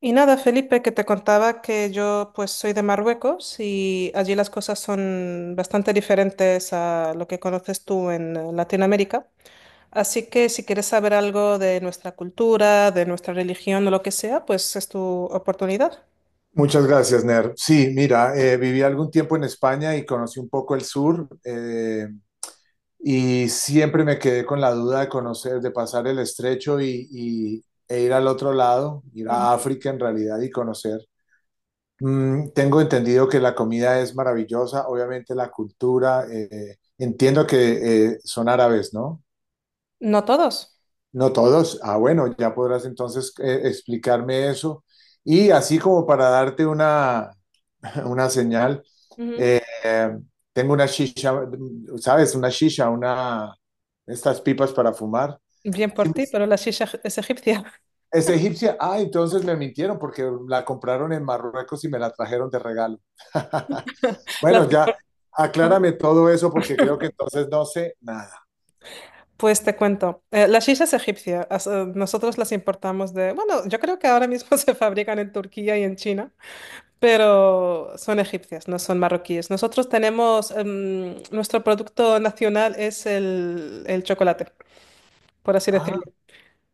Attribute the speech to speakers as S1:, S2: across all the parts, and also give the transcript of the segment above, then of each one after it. S1: Y nada, Felipe, que te contaba que yo pues soy de Marruecos y allí las cosas son bastante diferentes a lo que conoces tú en Latinoamérica. Así que si quieres saber algo de nuestra cultura, de nuestra religión o lo que sea, pues es tu oportunidad.
S2: Muchas gracias, Ner. Sí, mira, viví algún tiempo en España y conocí un poco el sur, y siempre me quedé con la duda de conocer, de pasar el estrecho e ir al otro lado, ir a
S1: Ujú.
S2: África en realidad y conocer. Tengo entendido que la comida es maravillosa, obviamente la cultura, entiendo que son árabes, ¿no?
S1: No todos.
S2: No todos. Ah, bueno, ya podrás entonces explicarme eso. Y así como para darte una una señal.
S1: Ujú.
S2: Eh, tengo una shisha, ¿sabes? Una shisha, una, estas pipas para fumar.
S1: Bien por
S2: Sí,
S1: ti, pero la shisha es egipcia.
S2: es egipcia. Ah, entonces me mintieron porque la compraron en Marruecos y me la trajeron de regalo.
S1: Las-
S2: Bueno, ya, aclárame todo eso porque creo que entonces no sé nada.
S1: Pues te cuento. La shisha es egipcia. Nosotros las importamos de... Bueno, yo creo que ahora mismo se fabrican en Turquía y en China. Pero son egipcias, no son marroquíes. Nosotros tenemos, nuestro producto nacional es el chocolate, por así
S2: Ah,
S1: decirlo.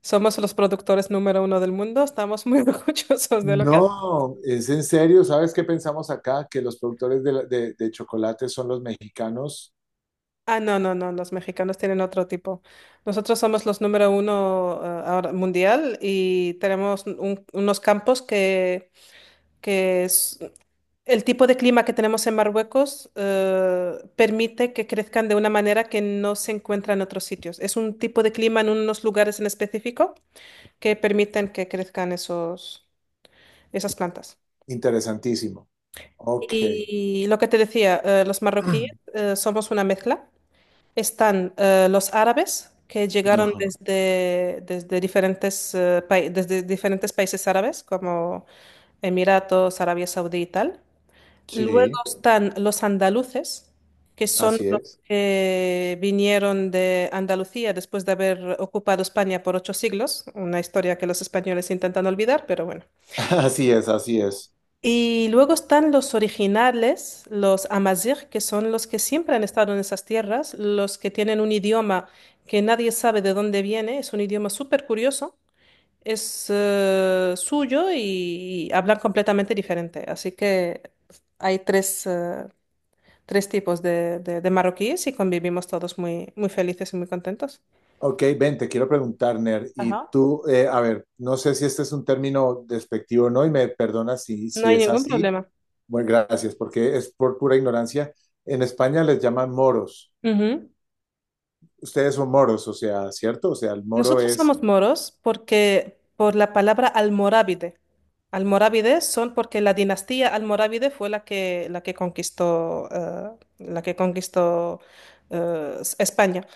S1: Somos los productores número uno del mundo, estamos muy orgullosos de lo que hacemos.
S2: no, es en serio. ¿Sabes qué pensamos acá? Que los productores de chocolate son los mexicanos.
S1: Ah, no, no, no, los mexicanos tienen otro tipo. Nosotros somos los número uno, ahora mundial, y tenemos unos campos que, que es- el tipo de clima que tenemos en Marruecos permite que crezcan de una manera que no se encuentra en otros sitios. Es un tipo de clima en unos lugares en específico que permiten que crezcan esos, esas plantas.
S2: Interesantísimo. Ok.
S1: Y lo que te decía, los marroquíes somos una mezcla. Están los árabes que llegaron
S2: Ajá.
S1: desde diferentes, desde diferentes países árabes como Emiratos, Arabia Saudí y tal. Luego
S2: Sí.
S1: están los andaluces, que son
S2: Así
S1: los
S2: es,
S1: que vinieron de Andalucía después de haber ocupado España por ocho siglos, una historia que los españoles intentan olvidar, pero bueno.
S2: así es, así es.
S1: Y luego están los originales, los amazigh, que son los que siempre han estado en esas tierras, los que tienen un idioma que nadie sabe de dónde viene, es un idioma súper curioso, es suyo y hablan completamente diferente. Así que hay tres, tres tipos de, de marroquíes, y convivimos todos muy, muy felices y muy contentos.
S2: Ok, ven, te quiero preguntar, Ner, y
S1: Ajá.
S2: tú, a ver, no sé si este es un término despectivo o no, y me perdonas si,
S1: No
S2: si
S1: hay
S2: es
S1: ningún
S2: así.
S1: problema.
S2: Bueno, gracias, porque es por pura ignorancia. En España les llaman moros.
S1: Ujú.
S2: Ustedes son moros, o sea, ¿cierto? O sea, el moro
S1: Nosotros
S2: es,
S1: somos moros porque por la palabra almorávide. Almorávides son porque la dinastía almorávide fue la que conquistó España.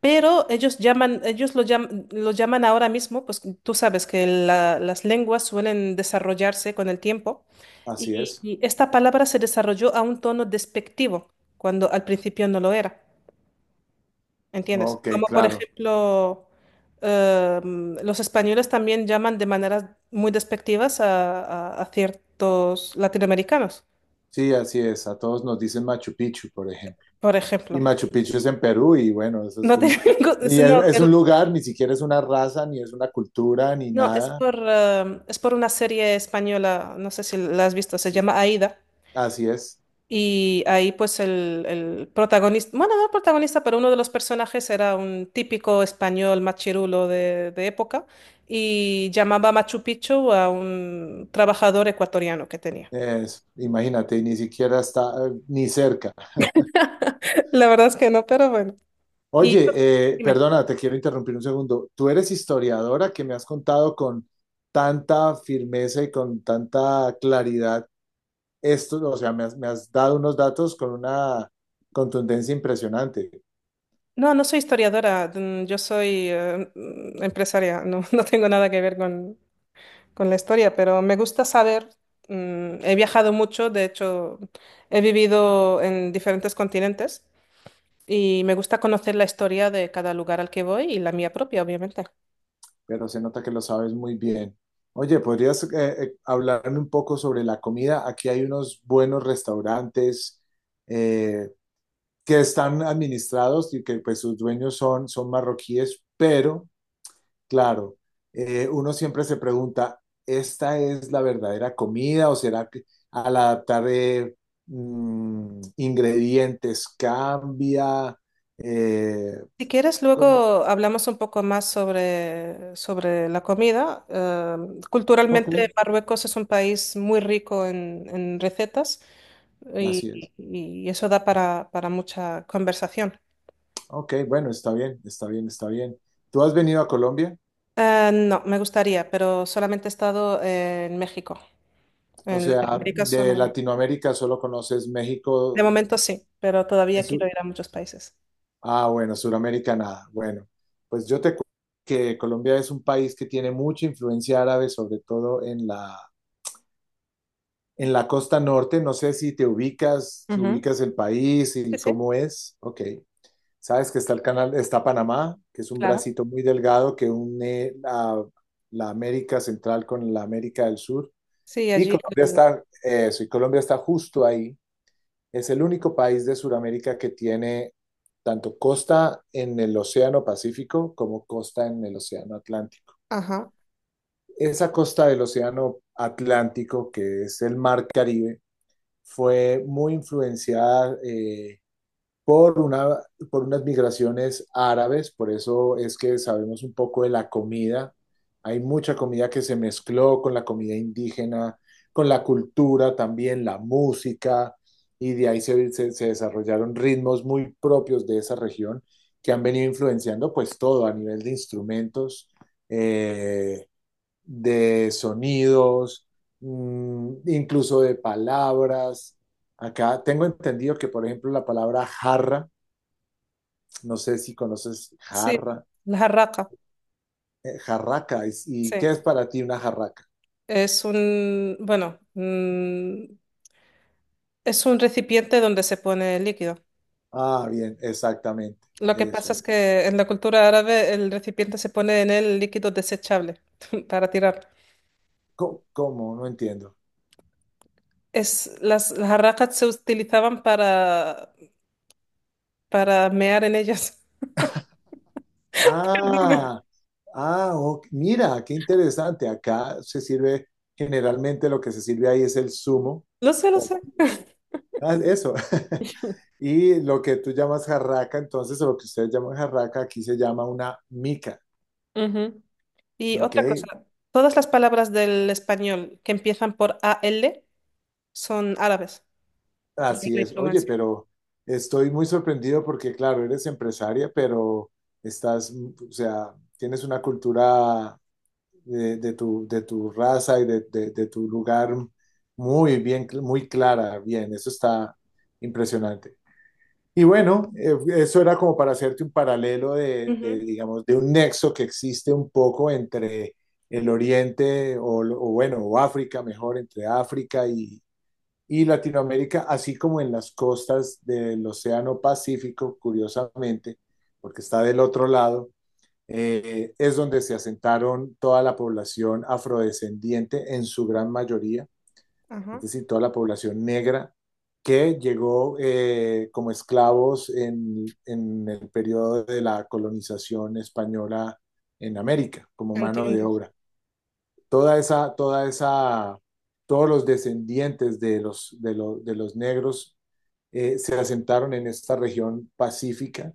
S1: Pero ellos llaman, ellos lo llaman ahora mismo, pues tú sabes que las lenguas suelen desarrollarse con el tiempo,
S2: así es.
S1: y esta palabra se desarrolló a un tono despectivo cuando al principio no lo era, ¿entiendes?
S2: Ok,
S1: Como por
S2: claro.
S1: ejemplo, los españoles también llaman de maneras muy despectivas a, a ciertos latinoamericanos,
S2: Sí, así es. A todos nos dicen Machu Picchu, por ejemplo.
S1: por
S2: Y
S1: ejemplo.
S2: Machu Picchu es en Perú, y bueno, eso es
S1: No
S2: un,
S1: tengo,
S2: y
S1: no.
S2: es un lugar, ni siquiera es una raza, ni es una cultura, ni
S1: No,
S2: nada.
S1: es por una serie española, no sé si la has visto, se
S2: Sí.
S1: llama Aida.
S2: Así es.
S1: Y ahí pues el protagonista, bueno, no el protagonista, pero uno de los personajes era un típico español machirulo de época, y llamaba Machu Picchu a un trabajador ecuatoriano que tenía.
S2: Imagínate, ni siquiera está ni cerca.
S1: La verdad es que no, pero bueno. Y
S2: Oye,
S1: dime.
S2: perdona, te quiero interrumpir un segundo. Tú eres historiadora que me has contado con tanta firmeza y con tanta claridad esto, o sea, me has dado unos datos con una contundencia impresionante,
S1: No, no soy historiadora, yo soy empresaria, no, no tengo nada que ver con la historia, pero me gusta saber, he viajado mucho, de hecho, he vivido en diferentes continentes y me gusta conocer la historia de cada lugar al que voy y la mía propia, obviamente.
S2: pero se nota que lo sabes muy bien. Oye, ¿podrías hablarme un poco sobre la comida? Aquí hay unos buenos restaurantes. eh, que están administrados y que pues sus dueños son, son marroquíes, pero claro, uno siempre se pregunta, ¿esta es la verdadera comida o será que al adaptar ingredientes cambia? Eh,
S1: Si quieres,
S2: ¿Cómo?
S1: luego hablamos un poco más sobre, sobre la comida.
S2: Ok,
S1: Culturalmente, Marruecos es un país muy rico en recetas,
S2: así es.
S1: y eso da para mucha conversación.
S2: Ok, bueno, está bien, está bien, está bien. ¿Tú has venido a Colombia?
S1: No, me gustaría, pero solamente he estado en México.
S2: O
S1: En
S2: sea,
S1: Latinoamérica solo.
S2: de Latinoamérica solo conoces
S1: De
S2: México.
S1: momento sí, pero
S2: En
S1: todavía quiero ir
S2: su-
S1: a muchos países.
S2: Ah, bueno, Suramérica nada. Bueno, pues yo te cuento que Colombia es un país que tiene mucha influencia árabe, sobre todo en la costa norte. No sé si te ubicas, si
S1: Ujú.
S2: ubicas el país
S1: Sí,
S2: y
S1: sí,
S2: cómo es. Ok. Sabes que está el canal, está Panamá, que es un
S1: claro.
S2: bracito muy delgado que une la, la América Central con la América del Sur.
S1: Sí,
S2: Y
S1: allí.
S2: Colombia está, eso, y Colombia está justo ahí. Es el único país de Sudamérica que tiene tanto costa en el Océano Pacífico como costa en el Océano Atlántico.
S1: Ajá.
S2: Esa costa del Océano Atlántico, que es el Mar Caribe, fue muy influenciada por una, por unas migraciones árabes, por eso es que sabemos un poco de la comida. Hay mucha comida que se mezcló con la comida indígena, con la cultura también, la música, y de ahí se desarrollaron ritmos muy propios de esa región que han venido influenciando pues todo a nivel de instrumentos, eh, de sonidos, incluso de palabras. Acá tengo entendido que, por ejemplo, la palabra jarra, no sé si conoces
S1: Sí,
S2: jarra,
S1: la jarraca.
S2: jarraca. ¿Y
S1: Sí.
S2: qué es para ti una jarraca?
S1: Es un, bueno, es un recipiente donde se pone el líquido.
S2: Ah, bien, exactamente.
S1: Lo que pasa
S2: Eso
S1: es
S2: es.
S1: que en la cultura árabe el recipiente se pone en el líquido desechable para tirar.
S2: ¿Cómo? No entiendo.
S1: Es, las jarracas se utilizaban para mear en ellas.
S2: Ah, ah, ok, mira, qué interesante. Acá se sirve, generalmente lo que se sirve ahí es el zumo.
S1: Lo sé, lo sé.
S2: Ah, eso. Y lo que tú llamas jarraca, entonces, o lo que ustedes llaman jarraca, aquí se llama una mica.
S1: Ujú. Y
S2: ¿Ok?
S1: otra cosa, todas las palabras del español que empiezan por AL son árabes, de
S2: Así
S1: la
S2: es. Oye,
S1: influencia.
S2: pero estoy muy sorprendido porque, claro, eres empresaria, pero estás, mm, o sea, tienes una cultura de tu raza y de tu lugar muy bien, muy clara. Bien, eso está impresionante. Y bueno, eso era como para hacerte un paralelo de,
S1: Ujú,
S2: digamos, de un nexo que existe un poco entre el Oriente o bueno, o África, mejor, entre África y Latinoamérica, así como en las costas del Océano Pacífico, curiosamente, porque está del otro lado, es donde se asentaron toda la población afrodescendiente en su gran mayoría, es
S1: ajá,
S2: decir, toda la población negra que llegó como esclavos en el periodo de la colonización española en América, como mano de
S1: entiendo.
S2: obra. Toda esa, toda esa, todos los descendientes de los, de los negros se asentaron en esta región pacífica,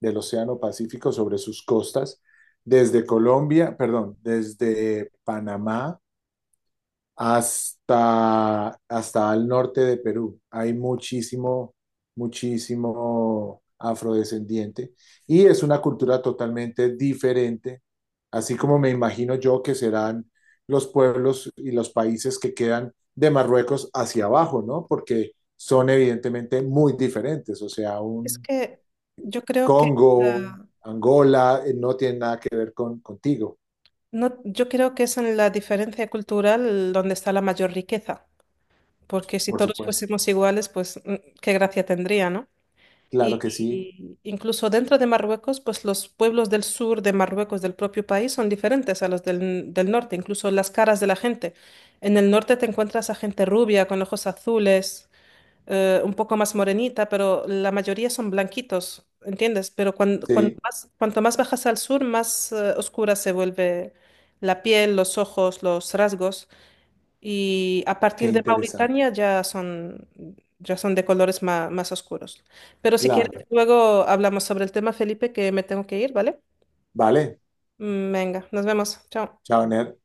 S2: del Océano Pacífico, sobre sus costas, desde Colombia, perdón, desde Panamá, hasta, hasta al norte de Perú. Hay muchísimo, muchísimo afrodescendiente y es una cultura totalmente diferente, así como me imagino yo que serán los pueblos y los países que quedan de Marruecos hacia abajo, ¿no? Porque son evidentemente muy diferentes, o sea,
S1: Es
S2: un
S1: que yo creo que
S2: Congo,
S1: la-
S2: Angola, no tiene nada que ver con contigo,
S1: no, yo creo que es en la diferencia cultural donde está la mayor riqueza, porque si
S2: por
S1: todos
S2: supuesto.
S1: fuésemos iguales, pues qué gracia tendría, ¿no?
S2: Claro que sí,
S1: Y incluso dentro de Marruecos, pues los pueblos del sur de Marruecos, del propio país, son diferentes a los del, del norte, incluso las caras de la gente. En el norte te encuentras a gente rubia, con ojos azules, un poco más morenita, pero la mayoría son blanquitos, ¿entiendes? Pero
S2: sí,
S1: cuanto más bajas al sur, más, oscura se vuelve la piel, los ojos, los rasgos. Y a
S2: qué
S1: partir de
S2: interesante.
S1: Mauritania ya son de colores más oscuros. Pero si
S2: Claro.
S1: quieres, luego hablamos sobre el tema, Felipe, que me tengo que ir, ¿vale?
S2: Vale,
S1: Venga, nos vemos. Chao.
S2: chao, Ner.